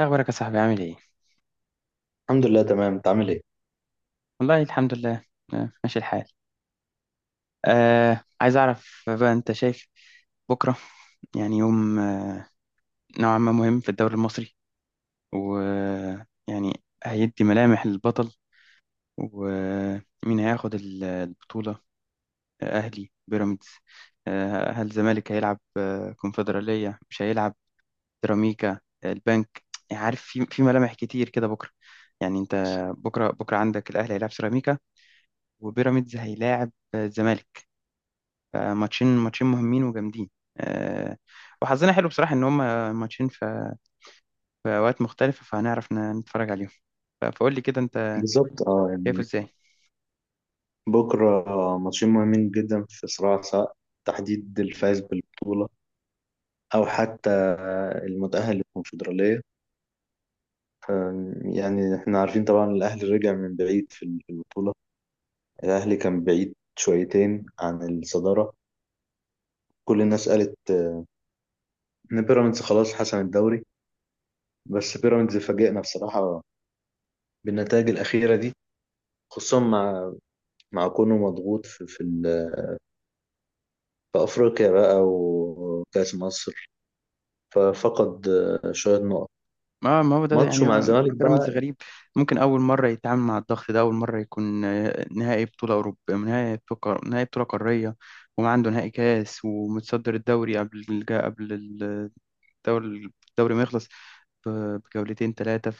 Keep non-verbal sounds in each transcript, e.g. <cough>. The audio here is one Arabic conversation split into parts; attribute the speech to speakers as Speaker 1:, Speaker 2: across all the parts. Speaker 1: إيه أخبارك يا صاحبي عامل إيه؟
Speaker 2: الحمد لله تمام. انت عامل ايه؟
Speaker 1: والله الحمد لله. ماشي الحال. عايز أعرف بقى، أنت شايف بكرة يعني يوم نوعا ما مهم في الدوري المصري، ويعني هيدي ملامح للبطل ومين هياخد البطولة. أهلي بيراميدز. هل الزمالك هيلعب كونفدرالية؟ مش هيلعب سيراميكا، البنك. يعني عارف، في ملامح كتير كده بكرة. يعني أنت، بكرة بكرة عندك الأهلي هيلعب سيراميكا، وبيراميدز هيلاعب الزمالك. فماتشين ماتشين مهمين وجامدين. آه. وحظنا حلو بصراحة إن هما ماتشين في أوقات مختلفة، فهنعرف نتفرج عليهم. فقول لي كده أنت
Speaker 2: بالظبط اه
Speaker 1: شايفه
Speaker 2: يعني
Speaker 1: إزاي؟
Speaker 2: بكره ماتشين مهمين جدا في صراع، سواء تحديد الفائز بالبطوله او حتى المتاهل للكونفدراليه. ف- يعني احنا عارفين طبعا الاهلي رجع من بعيد في البطوله. الاهلي كان بعيد شويتين عن الصداره. كل الناس قالت ان بيراميدز خلاص حسم الدوري. بس بيراميدز فاجئنا بصراحه بالنتائج الاخيره دي. خصوصا مع كونه مضغوط في افريقيا بقى وكاس مصر. ففقد شوية نقط.
Speaker 1: ما هو ده،
Speaker 2: ماتشه
Speaker 1: يعني
Speaker 2: مع
Speaker 1: هو
Speaker 2: الزمالك
Speaker 1: بيراميدز
Speaker 2: بقى
Speaker 1: غريب. ممكن أول مرة يتعامل مع الضغط ده، أول مرة يكون نهائي بطولة أوروبية، نهائي بطولة نهائي بطولة قارية، وما عنده نهائي كاس، ومتصدر الدوري قبل قبل الدوري ما يخلص بجولتين 3.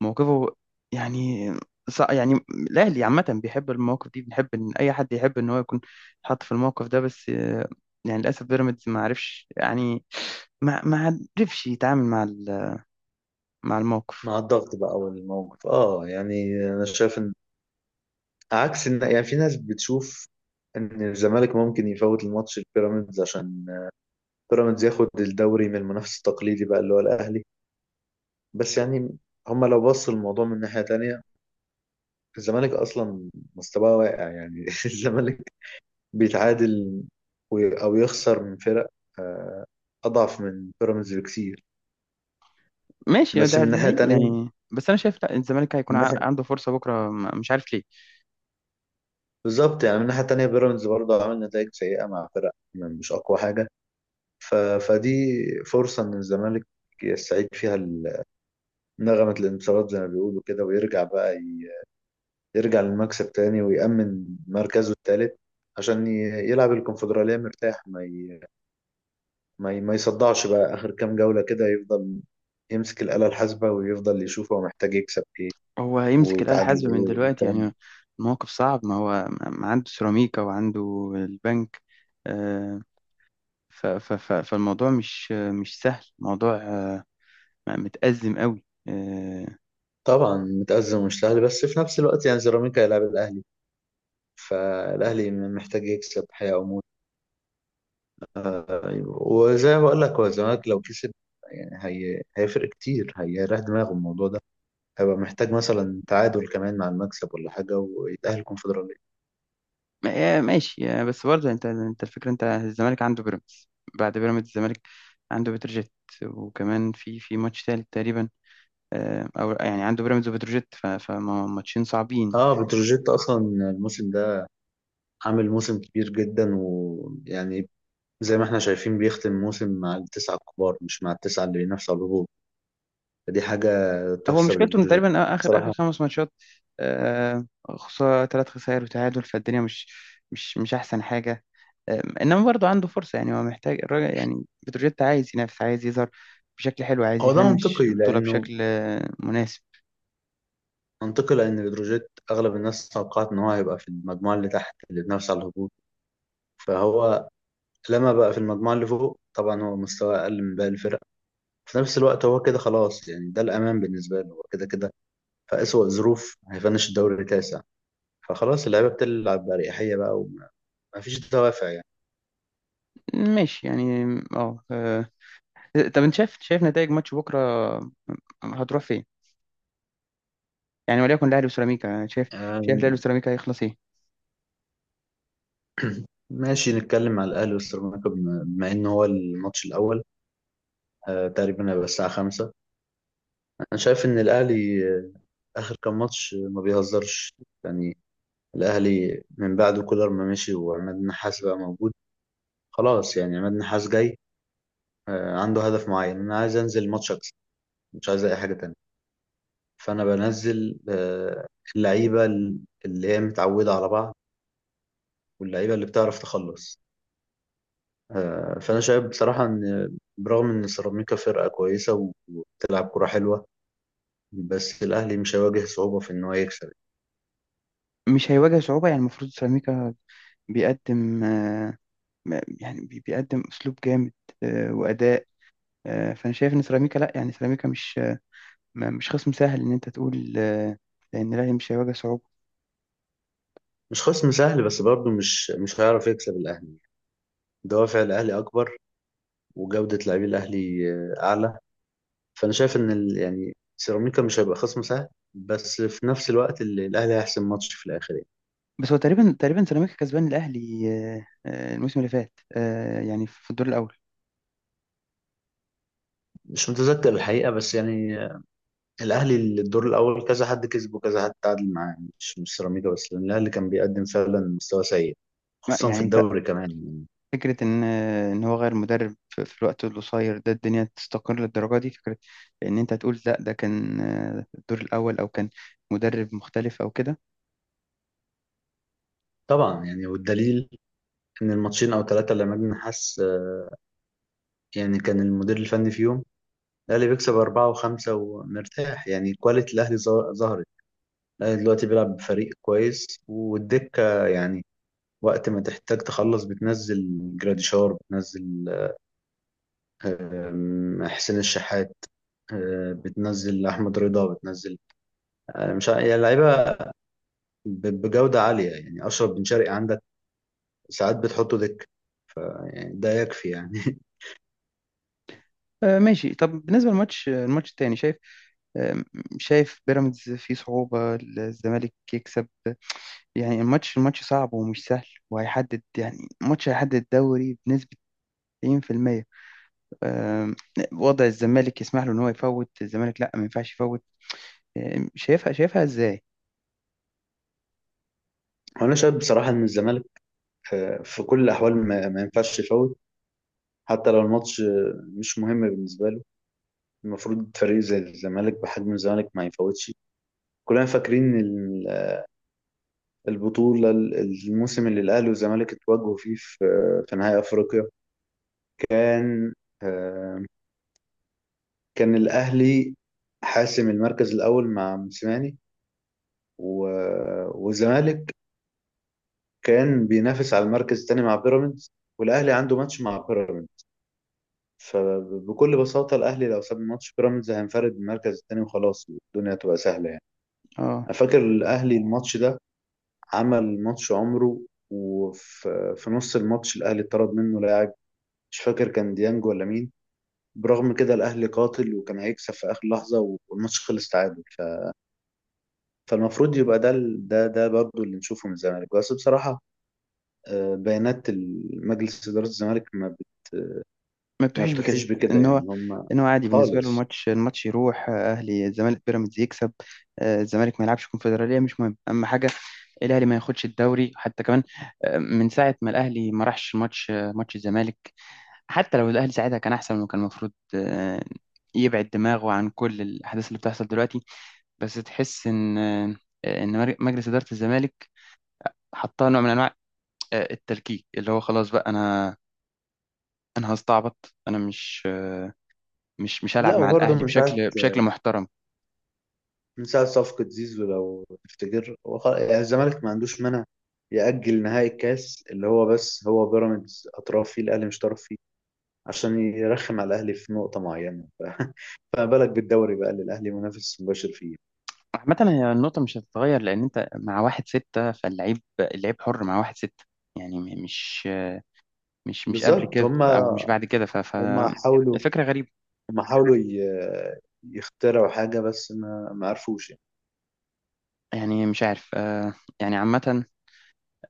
Speaker 1: فموقفه يعني يعني الأهلي عامة بيحب المواقف دي، بنحب إن أي حد يحب إن هو يكون حاط في الموقف ده. بس يعني للأسف بيراميدز ما عرفش، يعني ما عرفش يتعامل مع مع الموقف.
Speaker 2: مع الضغط بقى والموقف. اه يعني انا شايف ان عكس ان يعني في ناس بتشوف ان الزمالك ممكن يفوت الماتش البيراميدز، عشان بيراميدز ياخد الدوري من المنافس التقليدي بقى اللي هو الاهلي. بس يعني هما لو بصوا الموضوع من ناحية تانية، الزمالك اصلا مستواه واقع يعني. <laughs> الزمالك بيتعادل او يخسر من فرق آه، اضعف من بيراميدز بكتير.
Speaker 1: ماشي،
Speaker 2: بس
Speaker 1: ده
Speaker 2: من
Speaker 1: ده
Speaker 2: ناحية
Speaker 1: هي
Speaker 2: تانية،
Speaker 1: يعني. بس أنا شايف لا، الزمالك هيكون عنده فرصة بكرة، مش عارف ليه.
Speaker 2: بالظبط يعني من الناحية التانية بيراميدز برضه عامل نتائج سيئة مع فرق يعني مش أقوى حاجة. فدي فرصة إن الزمالك يستعيد فيها نغمة الانتصارات زي ما بيقولوا كده، ويرجع بقى يرجع للمكسب تاني، ويأمن مركزه التالت. عشان يلعب الكونفدرالية مرتاح، ما يصدعش بقى آخر كام جولة كده، يفضل يمسك الآلة الحاسبة ويفضل يشوف هو محتاج يكسب إيه
Speaker 1: هو هيمسك الآلة
Speaker 2: ويتعادل
Speaker 1: الحاسبة من
Speaker 2: إيه
Speaker 1: دلوقتي
Speaker 2: والكلام ده.
Speaker 1: يعني؟ الموقف صعب، ما هو ما عنده سيراميكا وعنده البنك. آه، ف ف ف فالموضوع مش سهل، موضوع متأزم قوي.
Speaker 2: طبعا متأزم ومش سهل، بس في نفس الوقت يعني سيراميكا هيلاعب الأهلي. فالاهلي محتاج يكسب، حياة او موت. أيوة. وزي ما بقول لك هو الزمالك لو كسب يعني هيفرق كتير، هيريح دماغه الموضوع ده. هيبقى محتاج مثلا تعادل كمان مع المكسب ولا حاجة ويتأهل كونفدرالية.
Speaker 1: ماشي. بس برضه انت الفكرة، انت الزمالك عنده بيراميدز، بعد بيراميدز الزمالك عنده بتروجيت، وكمان في ماتش تالت تقريبا. او يعني عنده بيراميدز وبتروجيت، فماتشين صعبين.
Speaker 2: اه بتروجيت اصلا الموسم ده عامل موسم كبير جدا، ويعني زي ما احنا شايفين بيختم موسم مع التسعة الكبار، مش مع التسعة اللي بينافسوا على الهبوط. فدي حاجة
Speaker 1: هو
Speaker 2: تحسب
Speaker 1: مشكلته ان
Speaker 2: لبتروجيت
Speaker 1: تقريبا اخر اخر
Speaker 2: بصراحة.
Speaker 1: 5 ماتشات خسارة، 3 خسائر وتعادل، فالدنيا مش احسن حاجة. انما برضه عنده فرصه. يعني هو محتاج، الراجل، يعني بتروجيت عايز ينافس، عايز يظهر بشكل حلو، عايز
Speaker 2: هو ده
Speaker 1: يفنش
Speaker 2: منطقي
Speaker 1: البطوله
Speaker 2: لأنه
Speaker 1: بشكل مناسب.
Speaker 2: منطقي لأن بتروجيت أغلب الناس توقعت إن هو هيبقى في المجموعة اللي تحت اللي بنفس على الهبوط. فهو لما بقى في المجموعة اللي فوق، طبعا هو مستواه أقل من باقي الفرق. في نفس الوقت هو كده خلاص يعني، ده الأمان بالنسبة له، هو كده كده في أسوأ ظروف هيفنش الدوري تاسع. فخلاص اللعيبة بتلعب بأريحية بقى، ومفيش دوافع يعني.
Speaker 1: ماشي يعني. اه آه. طب انت شايف، نتائج ماتش بكره هتروح فين؟ يعني وليكن الاهلي وسيراميكا، شايف الاهلي
Speaker 2: آم،
Speaker 1: وسيراميكا هيخلص ايه؟
Speaker 2: ماشي، نتكلم على الأهلي والسيراميكا بما إن هو الماتش الأول. تقريبا هيبقى الساعة 5. أنا شايف إن الأهلي آخر كام ماتش ما بيهزرش يعني. الأهلي من بعد كولر ما مشي وعماد النحاس بقى موجود، خلاص يعني عماد النحاس جاي، عنده هدف معين. أنا عايز أنزل ماتش أكسب، مش عايز أي حاجة تانية. فأنا بنزل اللعيبة اللي هي متعودة على بعض، واللعيبة اللي بتعرف تخلص. فأنا شايف بصراحة إن برغم إن سيراميكا فرقة كويسة وبتلعب كرة حلوة، بس الأهلي مش هيواجه صعوبة في إن هو يكسب.
Speaker 1: مش هيواجه صعوبه؟ يعني المفروض سيراميكا بيقدم يعني بيقدم اسلوب جامد واداء. فانا شايف ان سيراميكا لا، يعني سيراميكا مش مش خصم سهل ان انت تقول ان الاهلي مش هيواجه صعوبه.
Speaker 2: مش خصم سهل، بس برضه مش هيعرف يكسب الأهلي. دوافع الأهلي أكبر، وجودة لاعبي الأهلي أعلى. فانا شايف ان يعني سيراميكا مش هيبقى خصم سهل، بس في نفس الوقت الاهلي هيحسم ماتش في الاخر يعني.
Speaker 1: بس هو تقريبا تقريبا سيراميكا كسبان الاهلي الموسم اللي فات، يعني في الدور الاول.
Speaker 2: مش متذكر الحقيقه بس يعني، الاهلي الدور الاول كذا حد كسبه وكذا حد تعادل معاه يعني، مش سيراميكا بس، لان الاهلي كان بيقدم فعلا مستوى سيء خصوصا في
Speaker 1: يعني انت
Speaker 2: الدوري كمان يعني.
Speaker 1: فكره ان ان هو غير مدرب في الوقت القصير ده الدنيا تستقر للدرجه دي؟ فكره ان انت تقول لا، ده كان الدور الاول، او كان مدرب مختلف او كده.
Speaker 2: طبعا يعني، والدليل ان الماتشين او ثلاثه اللي مجدي حس يعني كان المدير الفني فيهم، الاهلي بيكسب اربعه وخمسه ومرتاح يعني كواليتي الاهلي ظهرت. الاهلي دلوقتي بيلعب بفريق كويس والدكه يعني، وقت ما تحتاج تخلص بتنزل جراديشار، بتنزل حسين الشحات، بتنزل أحمد رضا، بتنزل، مش يعني لعيبة بجودة عالية. يعني أشرف بن شرقي عندك ساعات بتحطه دك. ف- يعني ده يكفي يعني <laughs>
Speaker 1: ماشي. طب بالنسبه للماتش الماتش التاني، شايف آه، شايف بيراميدز فيه صعوبه الزمالك يكسب؟ يعني الماتش صعب ومش سهل، وهيحدد، يعني الماتش هيحدد الدوري بنسبه 90%. آم، وضع الزمالك يسمح له ان هو يفوت؟ الزمالك لا، ما ينفعش يفوت. شايفها ازاي؟
Speaker 2: وأنا شايف بصراحة إن الزمالك، في كل الأحوال ما ينفعش يفوت. حتى لو الماتش مش مهم بالنسبة له، المفروض فريق زي الزمالك بحجم الزمالك ما يفوتش. كلنا فاكرين البطولة، الموسم اللي الأهلي والزمالك اتواجهوا فيه في نهائي أفريقيا، كان آه، كان الأهلي حاسم المركز الأول مع موسيماني. والزمالك كان بينافس على المركز الثاني مع بيراميدز، والأهلي عنده ماتش مع بيراميدز. فبكل بساطة الأهلي لو ساب ماتش بيراميدز هينفرد بالمركز الثاني وخلاص. الدنيا تبقى سهلة يعني.
Speaker 1: اه،
Speaker 2: أنا فاكر الأهلي الماتش ده عمل ماتش عمره، وفي نص الماتش الأهلي اتطرد منه لاعب، مش فاكر كان ديانج ولا مين. برغم كده الاهلي قاتل وكان هيكسب في اخر لحظه والماتش خلص تعادل. فالمفروض يبقى ده ده ده برضه اللي نشوفه من الزمالك، بس بصراحه بيانات مجلس اداره الزمالك
Speaker 1: ما
Speaker 2: ما
Speaker 1: بتوحيش بكده
Speaker 2: بتوحيش بكده
Speaker 1: ان هو،
Speaker 2: يعني هم
Speaker 1: عادي بالنسبه له
Speaker 2: خالص.
Speaker 1: الماتش يروح. اهلي الزمالك بيراميدز يكسب، الزمالك ما يلعبش كونفدراليه، مش مهم. اهم حاجه الاهلي ما ياخدش الدوري حتى كمان. من ساعه ما الاهلي ما راحش ماتش ماتش الزمالك، حتى لو الاهلي ساعتها كان احسن وكان المفروض يبعد دماغه عن كل الاحداث اللي بتحصل دلوقتي. بس تحس ان ان مجلس اداره الزمالك حطها نوع من انواع التلكيك، اللي هو خلاص بقى، انا هستعبط، انا مش هلعب
Speaker 2: لا،
Speaker 1: مع
Speaker 2: وبرضه
Speaker 1: الاهلي
Speaker 2: من ساعه
Speaker 1: بشكل محترم.
Speaker 2: من ساعه صفقه زيزو لو تفتكر، هو يعني الزمالك ما عندوش مانع يأجل نهائي الكاس اللي هو، بس هو بيراميدز اطراف فيه الاهلي مش طرف فيه. عشان يرخم على الاهلي في نقطه معينه <laughs> فما بالك بالدوري بقى اللي الاهلي منافس مباشر فيه.
Speaker 1: عامة هي النقطة مش هتتغير، لأن أنت مع 1-6، فاللعيب اللعيب حر مع 1-6. يعني مش قبل
Speaker 2: بالظبط،
Speaker 1: كده، أو مش بعد كده،
Speaker 2: هم حاولوا
Speaker 1: الفكرة غريبة.
Speaker 2: هم حاولوا يخترعوا حاجه بس ما عرفوش يعني.
Speaker 1: يعني مش عارف يعني عامة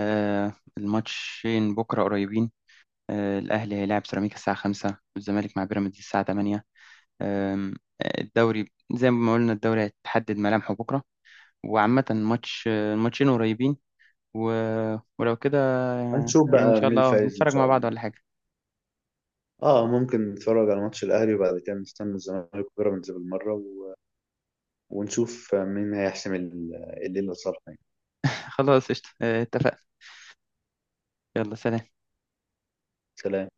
Speaker 1: الماتشين بكرة قريبين. الأهلي هيلاعب سيراميكا الساعة 5، والزمالك مع بيراميدز الساعة 8. أم، الدوري، زي ما قلنا الدوري هتحدد ملامحه بكرة، وعامة الماتش الماتشين قريبين. و... ولو كده،
Speaker 2: هنشوف
Speaker 1: يعني إن
Speaker 2: بقى
Speaker 1: شاء
Speaker 2: مين
Speaker 1: الله
Speaker 2: الفايز ان
Speaker 1: نتفرج مع
Speaker 2: شاء
Speaker 1: بعض
Speaker 2: الله.
Speaker 1: ولا حاجة.
Speaker 2: اه ممكن نتفرج على ماتش الاهلي، وبعد كده نستنى الزمالك وبيراميدز بالمره، ونشوف مين هيحسم الليله صالحه يعني.
Speaker 1: <laughs> خلاص قشطة، اتفقنا. يلا سلام.
Speaker 2: سلام.